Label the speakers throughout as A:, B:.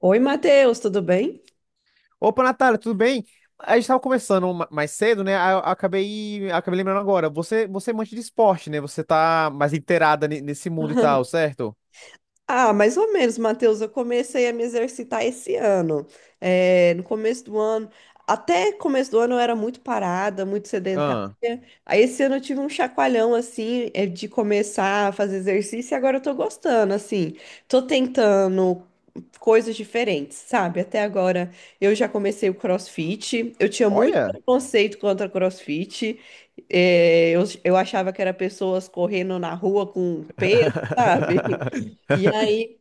A: Oi, Matheus, tudo bem?
B: Opa, Natália, tudo bem? A gente estava conversando mais cedo, né? Aí eu acabei lembrando agora. Você é amante de esporte, né? Você tá mais inteirada nesse mundo e tal, certo?
A: Ah, mais ou menos, Matheus. Eu comecei a me exercitar esse ano. É, no começo do ano, até começo do ano eu era muito parada, muito sedentária.
B: Ah,
A: Aí esse ano eu tive um chacoalhão assim, é, de começar a fazer exercício e agora eu tô gostando, assim. Tô tentando coisas diferentes, sabe? Até agora eu já comecei o CrossFit, eu tinha muito
B: olha.
A: preconceito contra CrossFit, eu achava que era pessoas correndo na rua com peso, sabe? E aí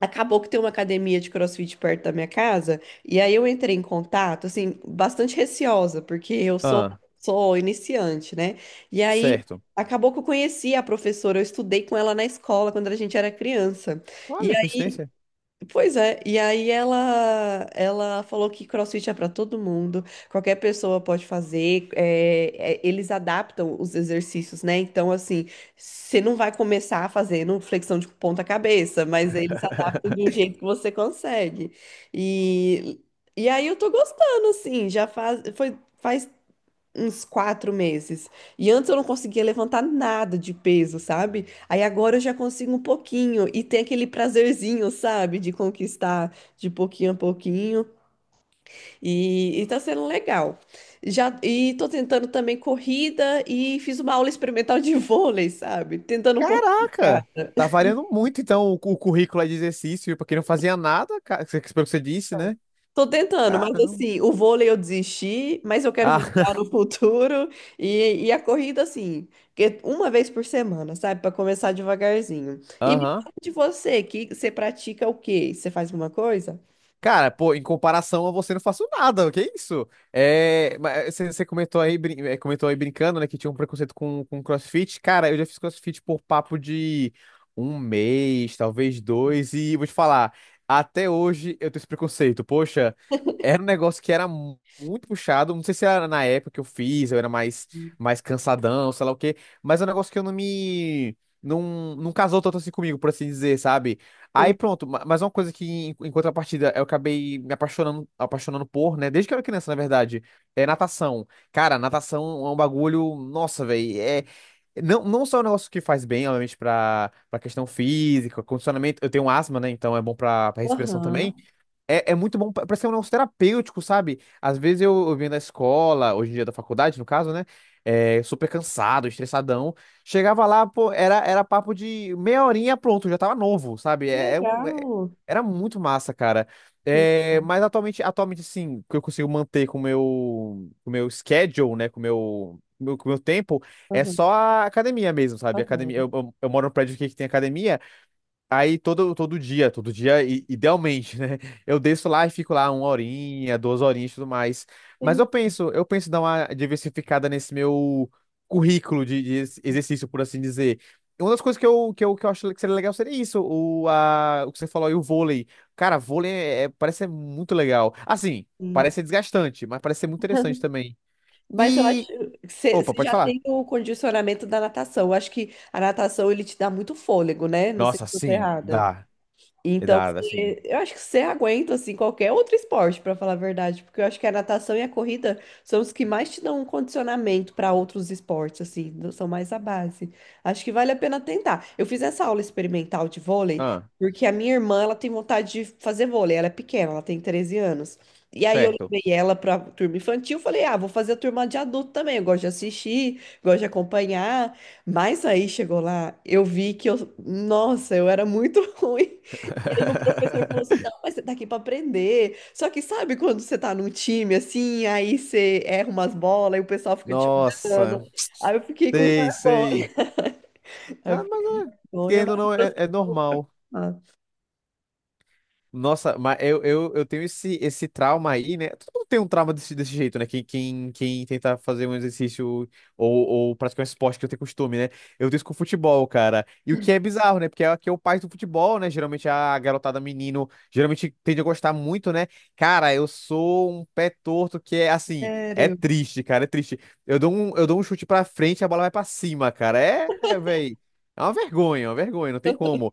A: acabou que tem uma academia de CrossFit perto da minha casa, e aí eu entrei em contato, assim, bastante receosa, porque eu sou,
B: Ah,
A: sou iniciante, né? E aí.
B: certo.
A: Acabou que eu conheci a professora, eu estudei com ela na escola quando a gente era criança.
B: Olha, coincidência.
A: Pois é, e aí ela falou que CrossFit é para todo mundo, qualquer pessoa pode fazer, eles adaptam os exercícios, né? Então, assim, você não vai começar fazendo flexão de ponta cabeça, mas eles adaptam de um jeito que você consegue. E, e aí eu tô gostando, assim, faz uns 4 meses. E antes eu não conseguia levantar nada de peso, sabe? Aí agora eu já consigo um pouquinho e tem aquele prazerzinho, sabe? De conquistar de pouquinho a pouquinho. E tá sendo legal. Já, e tô tentando também corrida e fiz uma aula experimental de vôlei, sabe? Tentando um pouco de
B: Caraca!
A: cada.
B: Tá variando muito, então, o currículo aí de exercício. Pra quem não fazia nada, cara, pelo que você disse, né?
A: Tô tentando, mas
B: Caramba.
A: assim, o vôlei eu desisti, mas eu quero
B: Ah,
A: voltar no futuro e a corrida, assim, que uma vez por semana, sabe? Pra começar devagarzinho. E me
B: aham.
A: fala de você, que você pratica o quê? Você faz alguma coisa?
B: Cara, pô, em comparação a você, não faço nada, que isso? É, mas você comentou aí, comentou aí brincando, né, que tinha um preconceito com CrossFit. Cara, eu já fiz CrossFit por papo de um mês, talvez dois, e vou te falar, até hoje eu tenho esse preconceito. Poxa, era um negócio que era muito puxado, não sei se era na época que eu fiz, eu era mais cansadão, sei lá o quê, mas é um negócio que eu não me, não, não casou tanto assim comigo, por assim dizer, sabe? Aí
A: Sim.
B: pronto, mas uma coisa que em contrapartida eu acabei me apaixonando por, né? Desde que eu era criança, na verdade, é natação. Cara, natação é um bagulho, nossa, velho, é não só é um negócio que faz bem, obviamente, pra para questão física, condicionamento. Eu tenho asma, né? Então é bom pra para respiração também.
A: Aham.
B: É muito bom, parece que é um negócio terapêutico, sabe? Às vezes eu venho da escola, hoje em dia da faculdade, no caso, né? É, super cansado, estressadão. Chegava lá, pô, era papo de meia horinha, pronto, já tava novo, sabe?
A: Que legal.
B: Era muito massa, cara.
A: Que
B: É,
A: legal.
B: mas atualmente, sim, que eu consigo manter com o meu schedule, né? Com o meu, com o meu, com o meu tempo, é
A: Aham.
B: só a academia mesmo, sabe? Academia,
A: Aham.
B: eu moro num prédio aqui que tem academia. Aí todo dia, idealmente, né? Eu desço lá e fico lá uma horinha, duas horinhas e tudo mais. Mas
A: Entendi.
B: eu penso em dar uma diversificada nesse meu currículo de exercício, por assim dizer. E uma das coisas que eu acho que seria legal seria isso, o que você falou aí, o vôlei. Cara, vôlei parece ser muito legal. Assim, parece ser desgastante, mas parece ser muito interessante também.
A: Mas eu acho
B: E.
A: que você
B: Opa,
A: você
B: pode
A: já
B: falar.
A: tem o condicionamento da natação. Eu acho que a natação ele te dá muito fôlego, né? Não sei
B: Nossa,
A: se eu tô
B: sim,
A: errada.
B: dá.
A: Então,
B: Dá, dá sim.
A: você- eu acho que você aguenta assim qualquer outro esporte, para falar a verdade, porque eu acho que a natação e a corrida são os que mais te dão um condicionamento para outros esportes, assim, do- são mais a base. Acho que vale a pena tentar. Eu fiz essa aula experimental de vôlei,
B: Ah,
A: porque a minha irmã, ela tem vontade de fazer vôlei, ela é pequena, ela tem 13 anos. E aí eu
B: certo.
A: levei ela para turma infantil, falei: "Ah, vou fazer a turma de adulto também, eu gosto de assistir, gosto de acompanhar". Mas aí chegou lá, eu vi que eu, nossa, eu era muito ruim. E aí o professor falou assim, não, mas você tá aqui pra aprender. Só que sabe quando você tá num time assim, aí você erra umas bolas e o pessoal fica te olhando.
B: Nossa,
A: Aí eu fiquei com
B: sei, sei.
A: vergonha. Aí eu
B: Ah,
A: fiquei com
B: mas é,
A: vergonha,
B: querendo ou
A: mas
B: não, é normal.
A: ah,
B: Nossa, mas eu tenho esse trauma aí, né? Todo mundo tem um trauma desse jeito, né? Quem tenta fazer um exercício ou praticar um esporte que eu tenho costume, né? Eu tenho isso com o futebol, cara. E o que é bizarro, né? Porque aqui é o pai do futebol, né? Geralmente a garotada menino, geralmente tende a gostar muito, né? Cara, eu sou um pé torto que é assim, é
A: sério.
B: triste, cara, é triste. Eu dou um chute pra frente e a bola vai pra cima, cara. É, velho. É uma vergonha, não tem como.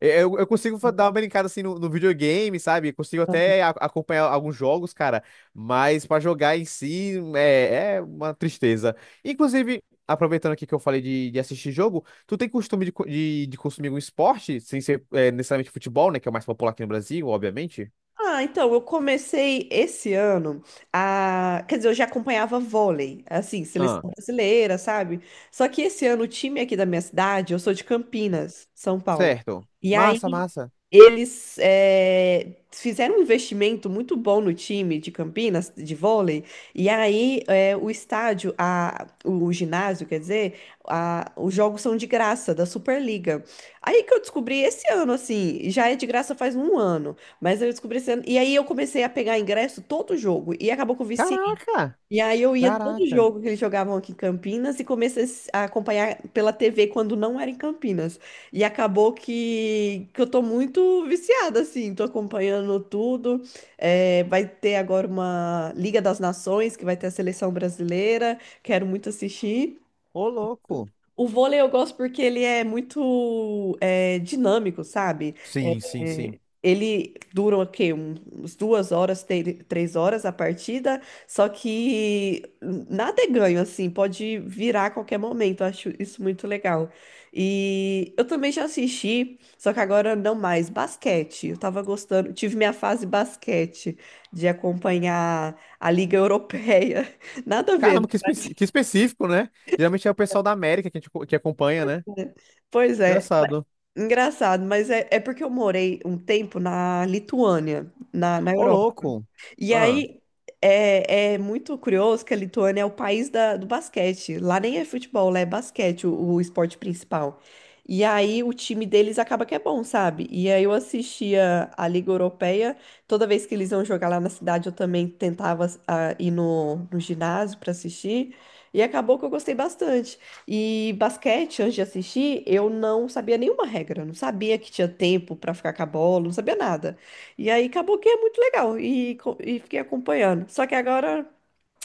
B: É, eu consigo dar uma brincada assim no videogame, sabe? Consigo até acompanhar alguns jogos, cara, mas pra jogar em si é uma tristeza. Inclusive, aproveitando aqui que eu falei de assistir jogo, tu tem costume de consumir algum esporte, sem ser necessariamente futebol, né? Que é o mais popular aqui no Brasil, obviamente.
A: Ah, então, eu comecei esse ano a. Quer dizer, eu já acompanhava vôlei, assim, seleção
B: Ah,
A: brasileira, sabe? Só que esse ano o time aqui da minha cidade, eu sou de Campinas, São Paulo.
B: certo.
A: E
B: Massa,
A: aí
B: massa.
A: eles fizeram um investimento muito bom no time de Campinas, de vôlei. E aí o estádio, a, o ginásio, quer dizer, a- os jogos são de graça, da Superliga. Aí que eu descobri esse ano, assim, já é de graça faz um ano. Mas eu descobri esse ano. E aí eu comecei a pegar ingresso todo jogo. E acabou que eu viciei.
B: Caraca!
A: E aí eu ia todo
B: Caraca!
A: jogo que eles jogavam aqui em Campinas e comecei a s- a acompanhar pela TV quando não era em Campinas. E acabou que eu tô muito viciada, assim. Tô acompanhando tudo. É, vai ter agora uma Liga das Nações, que vai ter a seleção brasileira. Quero muito assistir.
B: Ô, louco!
A: O vôlei eu gosto porque ele é muito é, dinâmico, sabe?
B: Sim, sim, sim.
A: Ele dura o quê? Um- Uns duas horas, te- três horas a partida, só que nada é ganho, assim, pode virar a qualquer momento, eu acho isso muito legal. E eu também já assisti, só que agora não mais, basquete. Eu tava gostando, tive minha fase basquete, de acompanhar a Liga Europeia, nada a ver,
B: Caramba, que específico, né? Geralmente é o pessoal da América que, a gente co- que acompanha, né?
A: né? Pois é, mas-
B: Engraçado.
A: engraçado, mas é porque eu morei um tempo na Lituânia, na
B: Ô,
A: Europa.
B: louco.
A: E
B: Ah.
A: aí é, é muito curioso que a Lituânia é o país da- do basquete. Lá nem é futebol, lá é basquete, o esporte principal. E aí o time deles acaba que é bom, sabe? E aí eu assistia a Liga Europeia. Toda vez que eles iam jogar lá na cidade, eu também tentava ah, ir no ginásio para assistir. E acabou que eu gostei bastante. E basquete, antes de assistir, eu não sabia nenhuma regra, não sabia que tinha tempo para ficar com a bola, não sabia nada. E aí acabou que é muito legal e fiquei acompanhando. Só que agora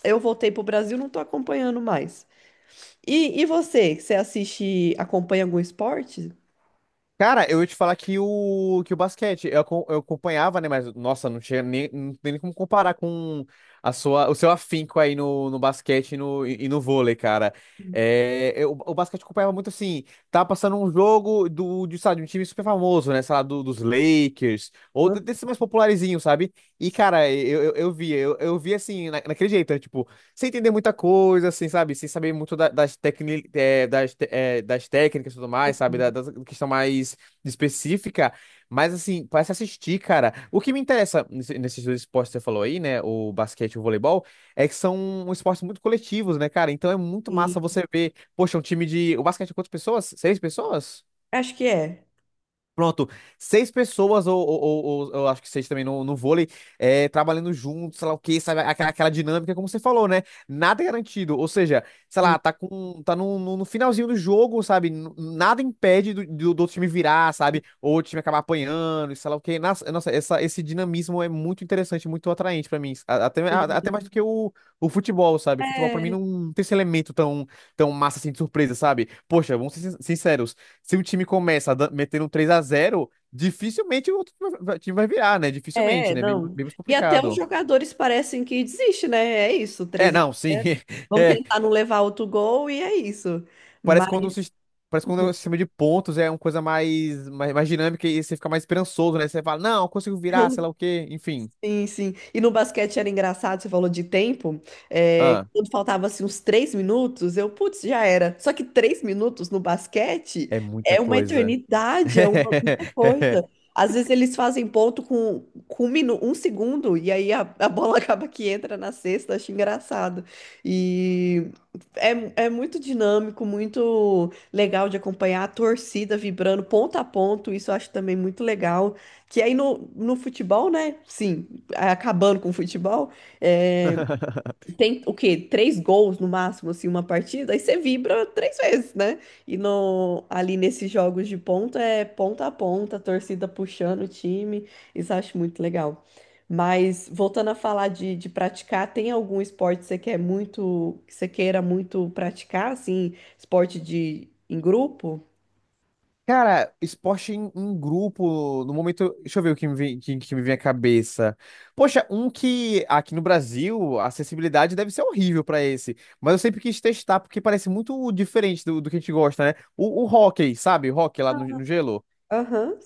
A: eu voltei pro Brasil, não tô acompanhando mais. E você, você assiste, acompanha algum esporte?
B: Cara, eu ia te falar que o basquete, eu acompanhava, né? Mas, nossa, não tinha nem, não tem nem como comparar com o seu afinco aí no basquete e e no vôlei, cara. É, o basquete eu acompanhava muito assim, tava passando um jogo sabe, de um time super famoso, né? Sei lá, dos Lakers, ou
A: Ah,
B: desse mais popularzinho, sabe? E, cara, eu via assim, naquele jeito, né? Tipo, sem entender muita coisa, assim, sabe? Sem saber muito da- das, tecni, eh, das, te- eh, das técnicas e tudo mais, sabe? Da questão mais específica. Mas, assim, parece assistir, cara. O que me interessa nesses dois esportes que você falou aí, né? O basquete e o voleibol, é que são esportes muito coletivos, né, cara? Então é muito massa
A: sim.
B: você ver, poxa, um time de. O basquete é quantas pessoas? Seis pessoas?
A: Acho que é.
B: Pronto, seis pessoas, ou eu acho que seis também no vôlei, é, trabalhando juntos, sei lá o que, sabe? Aquela dinâmica, como você falou, né? Nada é garantido. Ou seja, sei
A: Sim.
B: lá, tá no finalzinho do jogo, sabe? Nada impede do outro time virar, sabe? Ou o time acabar apanhando, e sei lá o que. Nossa, nossa, esse dinamismo é muito interessante, muito atraente pra mim. Até
A: Sim.
B: mais do que o futebol, sabe? O futebol pra mim
A: É,
B: não tem esse elemento tão, tão massa assim de surpresa, sabe? Poxa, vamos ser sinceros se um time começa metendo um 3x0, dificilmente o outro time vai virar, né? Dificilmente, né? Bem,
A: não.
B: bem mais
A: E até os
B: complicado.
A: jogadores parecem que desistem, né? É isso,
B: É,
A: três a
B: não, sim.
A: 0. Vamos
B: É,
A: tentar não levar outro gol e é isso.
B: parece
A: Mas
B: quando o, sis- parece quando o sistema de pontos é uma coisa mais dinâmica e você fica mais esperançoso, né? Você fala, não, eu consigo virar, sei lá o quê, enfim.
A: Sim, sim. E no basquete era engraçado, você falou de tempo. É,
B: Ah,
A: quando faltava assim, uns três minutos, eu, putz, já era. Só que três minutos no basquete
B: é muita
A: é uma
B: coisa.
A: eternidade, é uma muita coisa. Às vezes eles fazem ponto com um, minu- um segundo, e aí a bola acaba que entra na cesta, acho engraçado. E é, é muito dinâmico, muito legal de acompanhar a torcida vibrando ponto a ponto, isso eu acho também muito legal. Que aí no, no futebol, né? Sim acabando com o futebol, é, tem o quê? Três gols no máximo, assim, uma partida, aí você vibra três vezes, né? E no, ali nesses jogos de ponta é ponta a ponta, a torcida puxando o time, isso eu acho muito legal. Mas voltando a falar de praticar, tem algum esporte que você quer muito, que você queira muito praticar, assim, esporte de em grupo?
B: Cara, esporte em grupo, no momento, deixa eu ver o que me vem, que me vem à cabeça. Poxa, um que aqui no Brasil, a acessibilidade deve ser horrível pra esse, mas eu sempre quis testar porque parece muito diferente do que a gente gosta, né? O hóquei, sabe? O hóquei lá no gelo.
A: Aham.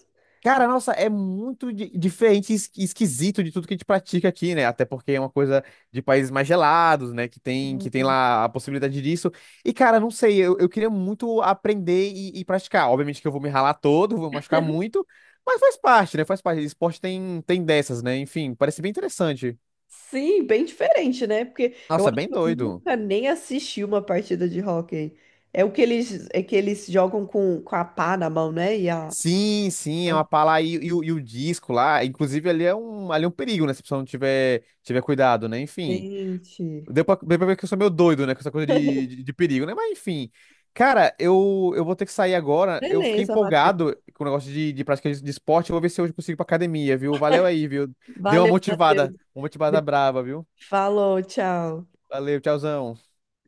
B: Cara, nossa, é muito diferente e esquisito de tudo que a gente pratica aqui, né? Até porque é uma coisa de países mais gelados, né? Que tem lá a possibilidade disso. E, cara, não sei, eu queria muito aprender e praticar. Obviamente que eu vou me ralar todo, vou machucar muito, mas faz parte, né? Faz parte. Esporte tem dessas, né? Enfim, parece bem interessante.
A: Sim, bem diferente, né? Porque eu
B: Nossa,
A: acho
B: bem
A: que eu
B: doido.
A: nunca nem assisti uma partida de hóquei. É o que eles, é que eles jogam com a pá na mão, né? E a...
B: Sim, sim, é uma pala aí e o disco lá. Inclusive, ali é um perigo, né? Se a pessoa não tiver cuidado, né? Enfim.
A: Gente.
B: Deu pra ver que eu sou meio doido, né? Com essa coisa de perigo, né? Mas enfim. Cara, eu vou ter que sair agora. Eu fiquei
A: Beleza, Matheus.
B: empolgado com o negócio de prática de esporte. Eu vou ver se hoje eu consigo ir pra academia, viu? Valeu aí, viu? Deu
A: Valeu, Matheus.
B: uma motivada brava, viu?
A: Falou, tchau.
B: Valeu, tchauzão.